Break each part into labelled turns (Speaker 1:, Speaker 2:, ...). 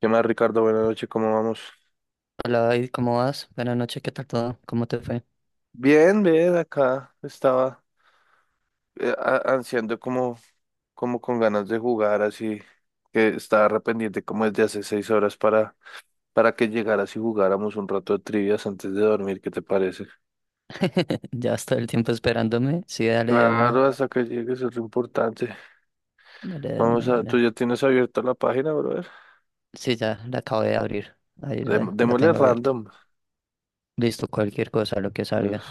Speaker 1: ¿Qué más, Ricardo? Buenas noches, ¿cómo vamos?
Speaker 2: Hola David, ¿cómo vas? Buenas noches, ¿qué tal todo? ¿Cómo te fue?
Speaker 1: Bien, bien, acá estaba ansiando como, como con ganas de jugar, así que estaba arrepentido como desde hace 6 horas para que llegaras y jugáramos un rato de trivias antes de dormir, ¿qué te parece?
Speaker 2: Ya vas todo el tiempo esperándome. Sí,
Speaker 1: Claro, hasta que llegues es lo importante.
Speaker 2: dale de una,
Speaker 1: Vamos
Speaker 2: de
Speaker 1: a, tú
Speaker 2: una.
Speaker 1: ya tienes abierta la página, brother.
Speaker 2: Sí, ya la acabo de abrir. Ahí la
Speaker 1: Démosle
Speaker 2: tengo abierta.
Speaker 1: random.
Speaker 2: Listo, cualquier cosa, lo que
Speaker 1: Entonces,
Speaker 2: salga.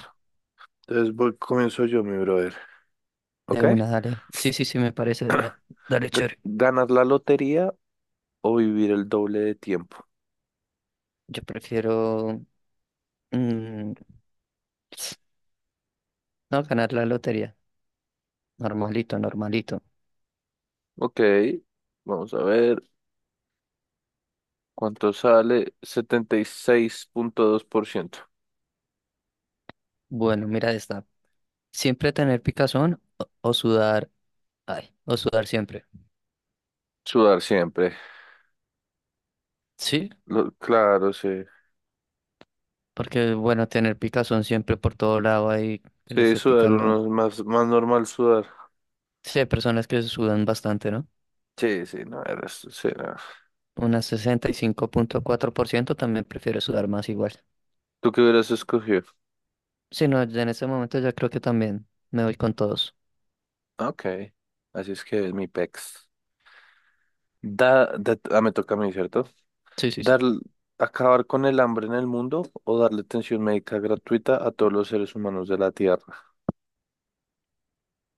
Speaker 1: entonces, comienzo yo, mi brother,
Speaker 2: De
Speaker 1: ¿ok?
Speaker 2: una, dale. Sí, sí, sí, me parece de una. Dale, chévere.
Speaker 1: ¿Ganar la lotería o vivir el doble de tiempo?
Speaker 2: Yo prefiero mm, no ganar la lotería. Normalito, normalito.
Speaker 1: Ok, vamos a ver cuánto sale. 76.2%.
Speaker 2: Bueno, mira esta. Siempre tener picazón o sudar. Ay, o sudar siempre.
Speaker 1: Sudar siempre.
Speaker 2: Sí.
Speaker 1: Claro, sí.
Speaker 2: Porque es bueno tener picazón siempre por todo lado ahí que le
Speaker 1: Sí,
Speaker 2: esté
Speaker 1: sudar
Speaker 2: picando.
Speaker 1: uno es más, más normal sudar.
Speaker 2: Sí, hay personas que sudan bastante, ¿no?
Speaker 1: Sí, sí, no, era, sí, no.
Speaker 2: Unas 65,4% también prefiere sudar más igual.
Speaker 1: ¿Tú qué hubieras escogido?
Speaker 2: Sí, no, ya en este momento ya creo que también me voy con todos.
Speaker 1: Ok, así es que es mi pex. Me toca a mí, ¿cierto?
Speaker 2: Sí, sí, sí.
Speaker 1: Dar, acabar con el hambre en el mundo o darle atención médica gratuita a todos los seres humanos de la Tierra.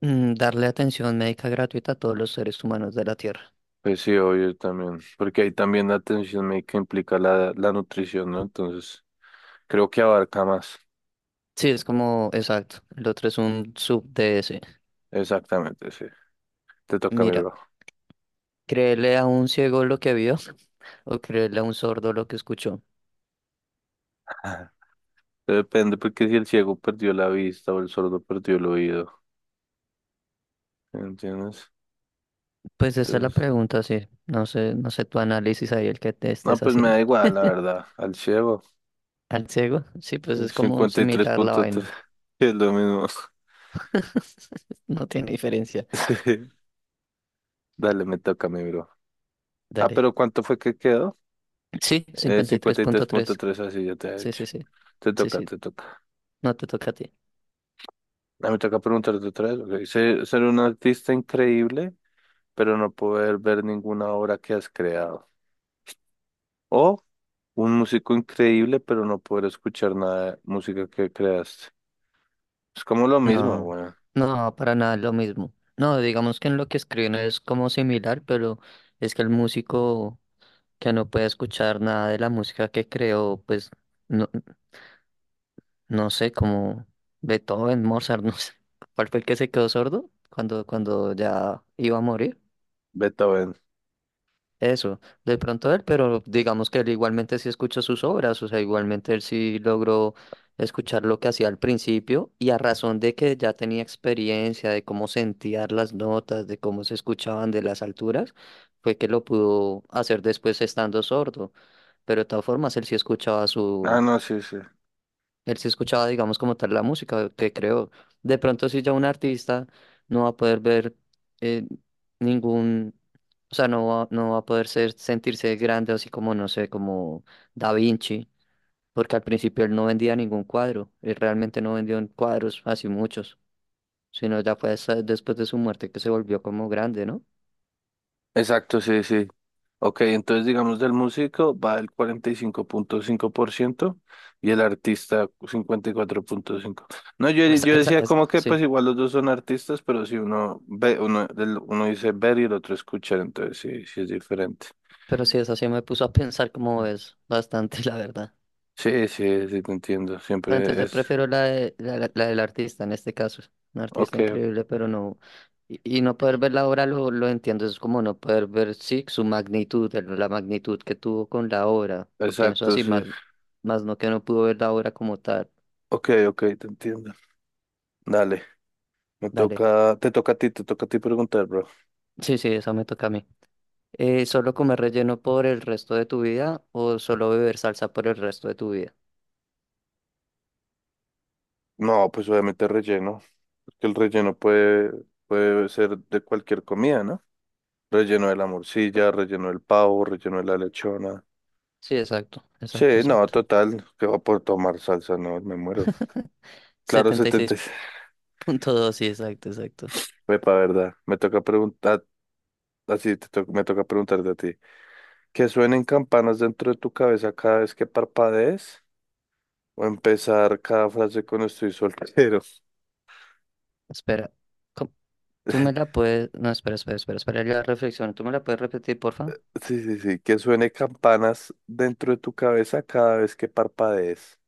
Speaker 2: Mm, darle atención médica gratuita a todos los seres humanos de la Tierra.
Speaker 1: Pues sí, obvio también, porque ahí también la atención médica implica la, la nutrición, ¿no? Entonces, creo que abarca más.
Speaker 2: Sí, es como, exacto. El otro es un sub de ese.
Speaker 1: Exactamente, sí. Te toca a mi
Speaker 2: Mira,
Speaker 1: bro.
Speaker 2: créele a un ciego lo que vio o créele a un sordo lo que escuchó.
Speaker 1: Depende, porque si el ciego perdió la vista o el sordo perdió el oído, ¿sí? ¿Me entiendes?
Speaker 2: Pues esa es la
Speaker 1: Entonces,
Speaker 2: pregunta, sí. No sé, no sé tu análisis ahí, el que te
Speaker 1: no,
Speaker 2: estés
Speaker 1: pues me
Speaker 2: haciendo.
Speaker 1: da igual, la verdad, al ciego.
Speaker 2: ¿Al ciego? Sí, pues es como similar la
Speaker 1: 53.3
Speaker 2: vaina.
Speaker 1: es lo mismo.
Speaker 2: No tiene diferencia.
Speaker 1: Sí. Dale, me toca a mi bro. Ah,
Speaker 2: Dale.
Speaker 1: pero ¿cuánto fue que quedó?
Speaker 2: Sí, 53,3.
Speaker 1: 53.3, así ya te he
Speaker 2: Sí,
Speaker 1: hecho.
Speaker 2: sí, sí.
Speaker 1: Te
Speaker 2: Sí,
Speaker 1: toca,
Speaker 2: sí.
Speaker 1: te toca.
Speaker 2: No te toca a ti.
Speaker 1: Me toca preguntarte otra vez. Ok. Ser, ser un artista increíble, pero no poder ver ninguna obra que has creado. O un músico increíble, pero no poder escuchar nada de música que creaste. Es como lo mismo,
Speaker 2: No,
Speaker 1: bueno.
Speaker 2: no, para nada es lo mismo. No, digamos que en lo que escriben es como similar, pero es que el músico que no puede escuchar nada de la música que creó, pues no, no sé, como Beethoven, Mozart, no sé, cuál fue el que se quedó sordo cuando ya iba a morir.
Speaker 1: Beethoven.
Speaker 2: Eso, de pronto él, pero digamos que él igualmente sí escuchó sus obras, o sea, igualmente él sí logró escuchar lo que hacía al principio y a razón de que ya tenía experiencia de cómo sentían las notas, de cómo se escuchaban de las alturas, fue que lo pudo hacer después estando sordo, pero de todas formas él sí escuchaba.
Speaker 1: Ah, no, sí, sí.
Speaker 2: Él sí escuchaba, digamos, como tal la música que creó. De pronto, si ya un artista no va a poder ver eh, ningún, o sea, no va, no va a poder ser, sentirse grande, así como, no sé, como Da Vinci, porque al principio él no vendía ningún cuadro, él realmente no vendió cuadros así muchos, sino ya fue hasta después de su muerte que se volvió como grande, ¿no?
Speaker 1: Exacto, sí, sí. Ok, entonces digamos del músico va el cuarenta y cinco 5.5% y el artista 54.5%. No, yo,
Speaker 2: Esa,
Speaker 1: yo
Speaker 2: esa,
Speaker 1: decía
Speaker 2: esa,
Speaker 1: como que pues
Speaker 2: sí.
Speaker 1: igual los dos son artistas, pero si uno ve, uno, uno dice ver y el otro escuchar, entonces sí, sí es diferente.
Speaker 2: Pero sí, esa sí me puso a pensar como es bastante, la verdad.
Speaker 1: Sí, sí, sí, te entiendo.
Speaker 2: No, entonces
Speaker 1: Siempre
Speaker 2: yo
Speaker 1: es.
Speaker 2: prefiero la, de- la- la del artista en este caso. Un artista
Speaker 1: Ok,
Speaker 2: increíble, pero no. Y no poder ver la obra lo entiendo, es como no poder ver, sí, su magnitud, la magnitud que tuvo con la obra. Lo pienso
Speaker 1: exacto,
Speaker 2: así,
Speaker 1: sí.
Speaker 2: más, más no que no pudo ver la obra como tal.
Speaker 1: Ok, ok, te entiendo. Dale,
Speaker 2: Dale.
Speaker 1: te toca a ti, te toca a ti preguntar, bro.
Speaker 2: Sí, sí, eso me toca a mí. ¿Solo comer relleno por el resto de tu vida o solo beber salsa por el resto de tu vida?
Speaker 1: No, pues obviamente relleno, porque el relleno puede, puede ser de cualquier comida, ¿no? Relleno de la morcilla, relleno del pavo, relleno de la lechona.
Speaker 2: Sí, exacto,
Speaker 1: Sí,
Speaker 2: exacto,
Speaker 1: no,
Speaker 2: exacto.
Speaker 1: total, que va por tomar salsa, no, me muero. Claro,
Speaker 2: setenta y seis
Speaker 1: 76.
Speaker 2: punto dos sí, exacto, exacto.
Speaker 1: Epa, verdad. Me toca preguntar, me toca preguntarte a ti. ¿Que suenen campanas dentro de tu cabeza cada vez que parpadees? ¿O empezar cada frase con estoy soltero?
Speaker 2: Espera. ¿Cómo? Tú me la puedes. No, espera, espera, espera, espera. La reflexión. ¿Tú me la puedes repetir, porfa?
Speaker 1: Sí, sí, sí, que suene campanas dentro de tu cabeza cada vez que parpadees.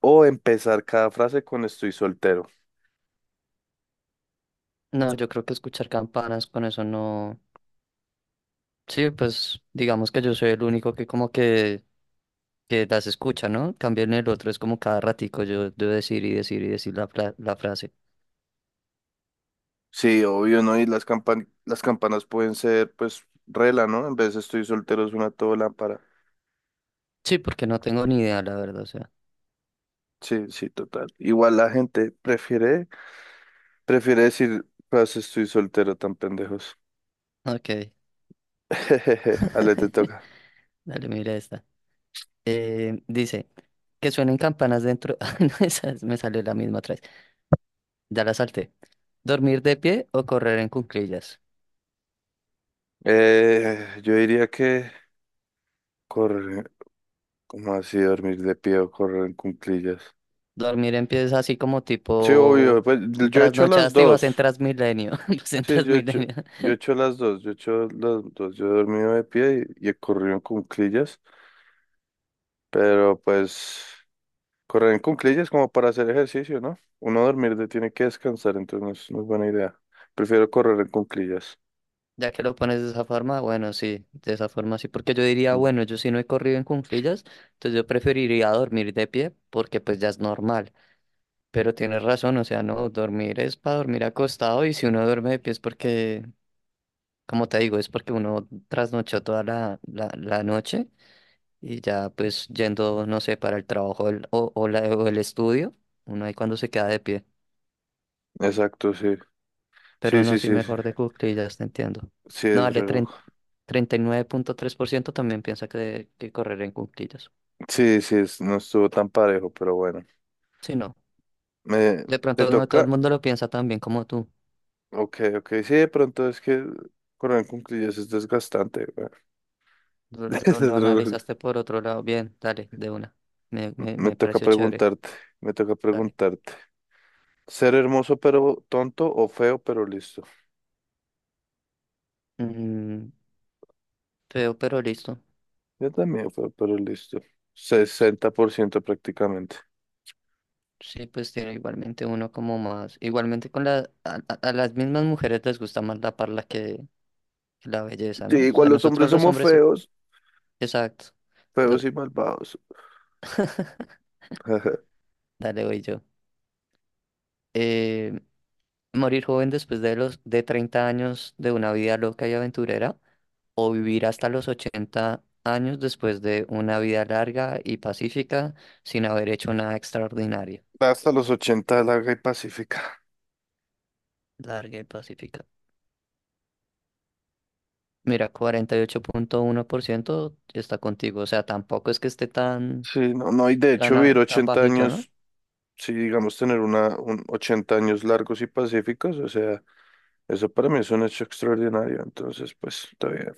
Speaker 1: O empezar cada frase con estoy soltero.
Speaker 2: No, yo creo que escuchar campanas con eso no. Sí, pues digamos que yo soy el único que como que, las escucha, ¿no? Cambio en el otro, es como cada ratico yo debo decir y decir y decir la frase.
Speaker 1: Sí, obvio, ¿no? Y las campanas pueden ser, pues, rela, ¿no? En vez de estoy soltero es una todo lámpara.
Speaker 2: Sí, porque no tengo ni idea, la verdad, o sea.
Speaker 1: Sí, sí, total. Igual la gente prefiere, prefiere decir frase estoy soltero tan pendejos.
Speaker 2: Ok.
Speaker 1: Ale, te toca.
Speaker 2: Dale, mira esta. Eh, dice, que suenen campanas dentro. Ay, no, me salió la misma otra vez. Ya la salté. ¿Dormir de pie o correr en cuclillas?
Speaker 1: Yo diría que correr, como así dormir de pie o correr en cuclillas.
Speaker 2: Dormir empieza así como
Speaker 1: Sí,
Speaker 2: tipo
Speaker 1: obvio. Pues yo he hecho las
Speaker 2: trasnochaste y vas
Speaker 1: dos.
Speaker 2: en Transmilenio, vas en
Speaker 1: Sí,
Speaker 2: Transmilenio.
Speaker 1: yo he hecho las dos. Yo he hecho las dos. Yo he dormido de pie y he corrido en cuclillas. Pero pues correr en cuclillas como para hacer ejercicio, ¿no? Uno tiene que descansar, entonces no es, no es buena idea. Prefiero correr en cuclillas.
Speaker 2: Ya que lo pones de esa forma, bueno, sí, de esa forma sí, porque yo diría,
Speaker 1: Mm.
Speaker 2: bueno, yo sí no he corrido en cuclillas, entonces yo preferiría dormir de pie porque pues ya es normal. Pero tienes razón, o sea, no, dormir es para dormir acostado y si uno duerme de pie es porque, como te digo, es porque uno trasnochó toda la noche y ya pues yendo, no sé, para el trabajo o el estudio, uno ahí cuando se queda de pie.
Speaker 1: Exacto, sí. Sí,
Speaker 2: Pero no
Speaker 1: sí,
Speaker 2: soy
Speaker 1: sí, sí.
Speaker 2: mejor de ya te entiendo.
Speaker 1: Sí,
Speaker 2: No,
Speaker 1: es
Speaker 2: dale,
Speaker 1: reloj.
Speaker 2: treinta y nueve punto tres por ciento también piensa que correr en cuclillas.
Speaker 1: Sí, sí, es- no estuvo tan parejo, pero bueno.
Speaker 2: Sí, no.
Speaker 1: Me,
Speaker 2: De
Speaker 1: ¿te
Speaker 2: pronto no todo el
Speaker 1: toca?
Speaker 2: mundo lo piensa tan bien como tú.
Speaker 1: Ok, ok. Sí, de pronto es que correr en cuclillas es desgastante,
Speaker 2: Lo analizaste por otro lado. Bien, dale, de una. Me, me,
Speaker 1: me
Speaker 2: me
Speaker 1: toca
Speaker 2: pareció chévere.
Speaker 1: preguntarte, me toca
Speaker 2: Dale.
Speaker 1: preguntarte. ¿Ser hermoso pero tonto o feo pero listo?
Speaker 2: Mm, feo, pero listo.
Speaker 1: Yo también feo pero listo. 60% prácticamente.
Speaker 2: Sí, pues tiene igualmente uno como más. Igualmente con la, a las mismas mujeres les gusta más la parla que, la belleza,
Speaker 1: Sí,
Speaker 2: ¿no? O
Speaker 1: igual
Speaker 2: sea,
Speaker 1: los
Speaker 2: nosotros
Speaker 1: hombres
Speaker 2: los
Speaker 1: somos
Speaker 2: hombres, sí.
Speaker 1: feos,
Speaker 2: Exacto. Do-
Speaker 1: feos y malvados. Ajá.
Speaker 2: dale, voy yo. Eh, Morir joven después de los de 30 años de una vida loca y aventurera o vivir hasta los 80 años después de una vida larga y pacífica sin haber hecho nada extraordinario.
Speaker 1: Hasta los ochenta larga y pacífica.
Speaker 2: Larga y pacífica. Mira, 48,1% está contigo, o sea, tampoco es que esté tan
Speaker 1: Sí, no, no, y de
Speaker 2: tan
Speaker 1: hecho vivir
Speaker 2: a- tan
Speaker 1: 80
Speaker 2: bajito, ¿no?
Speaker 1: años, si digamos tener una, un 80 años largos y pacíficos, o sea, eso para mí es un hecho extraordinario, entonces pues está bien.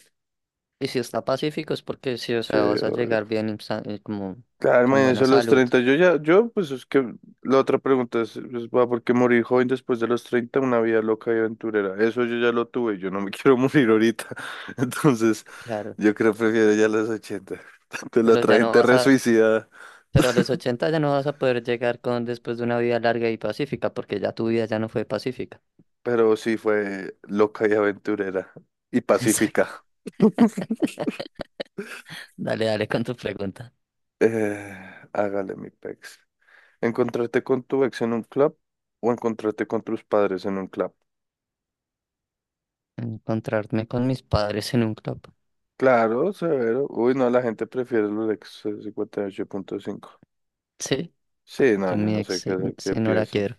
Speaker 2: Y si está pacífico es porque sí, o
Speaker 1: Sí,
Speaker 2: sea, vas a
Speaker 1: obvio.
Speaker 2: llegar bien y como
Speaker 1: Claro,
Speaker 2: con buena
Speaker 1: imagínense a los
Speaker 2: salud,
Speaker 1: 30. Yo ya, yo, pues es que la otra pregunta es, pues, va, ¿por qué morir joven después de los 30? Una vida loca y aventurera. Eso yo ya lo tuve, yo no me quiero morir ahorita. Entonces,
Speaker 2: claro.
Speaker 1: yo creo que prefiero ya los 80. Tanto la
Speaker 2: Pero
Speaker 1: otra
Speaker 2: ya no
Speaker 1: gente
Speaker 2: vas
Speaker 1: re
Speaker 2: a
Speaker 1: suicida,
Speaker 2: Pero a los 80 ya no vas a poder llegar con después de una vida larga y pacífica, porque ya tu vida ya no fue pacífica.
Speaker 1: pero sí fue loca y aventurera y
Speaker 2: Exacto.
Speaker 1: pacífica.
Speaker 2: Dale, dale con tu pregunta.
Speaker 1: Eh, Hágale mi pex. ¿Encontrarte con tu ex en un club o encontrarte con tus padres en un club?
Speaker 2: Encontrarme con mis padres en un club.
Speaker 1: Claro, severo. Uy, no, la gente prefiere los punto cinco.
Speaker 2: Sí,
Speaker 1: Sí,
Speaker 2: yo
Speaker 1: no, yo
Speaker 2: mi
Speaker 1: no
Speaker 2: ex,
Speaker 1: sé
Speaker 2: sí,
Speaker 1: qué, qué
Speaker 2: sí, no la
Speaker 1: piensan.
Speaker 2: quiero.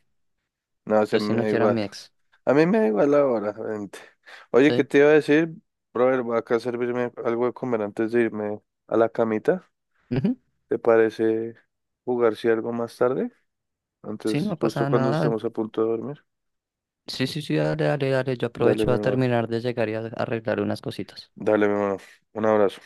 Speaker 1: No, se
Speaker 2: Yo sí
Speaker 1: me
Speaker 2: no
Speaker 1: da
Speaker 2: quiero a
Speaker 1: igual.
Speaker 2: mi ex.
Speaker 1: A mí me da igual ahora, gente. Oye, ¿qué
Speaker 2: Sí.
Speaker 1: te iba a decir? Brother, voy acá a servirme algo de comer antes de irme a la camita.
Speaker 2: Ujú.
Speaker 1: ¿Te parece jugar si algo más tarde?
Speaker 2: Sí,
Speaker 1: Antes,
Speaker 2: no
Speaker 1: justo
Speaker 2: pasa
Speaker 1: cuando
Speaker 2: nada.
Speaker 1: estemos a punto de dormir.
Speaker 2: Sí, sí, sí, dale, dale, dale. Yo
Speaker 1: Dale,
Speaker 2: aprovecho
Speaker 1: mi
Speaker 2: a
Speaker 1: hermano.
Speaker 2: terminar de llegar y a arreglar unas cositas.
Speaker 1: Dale, mi hermano. Un abrazo.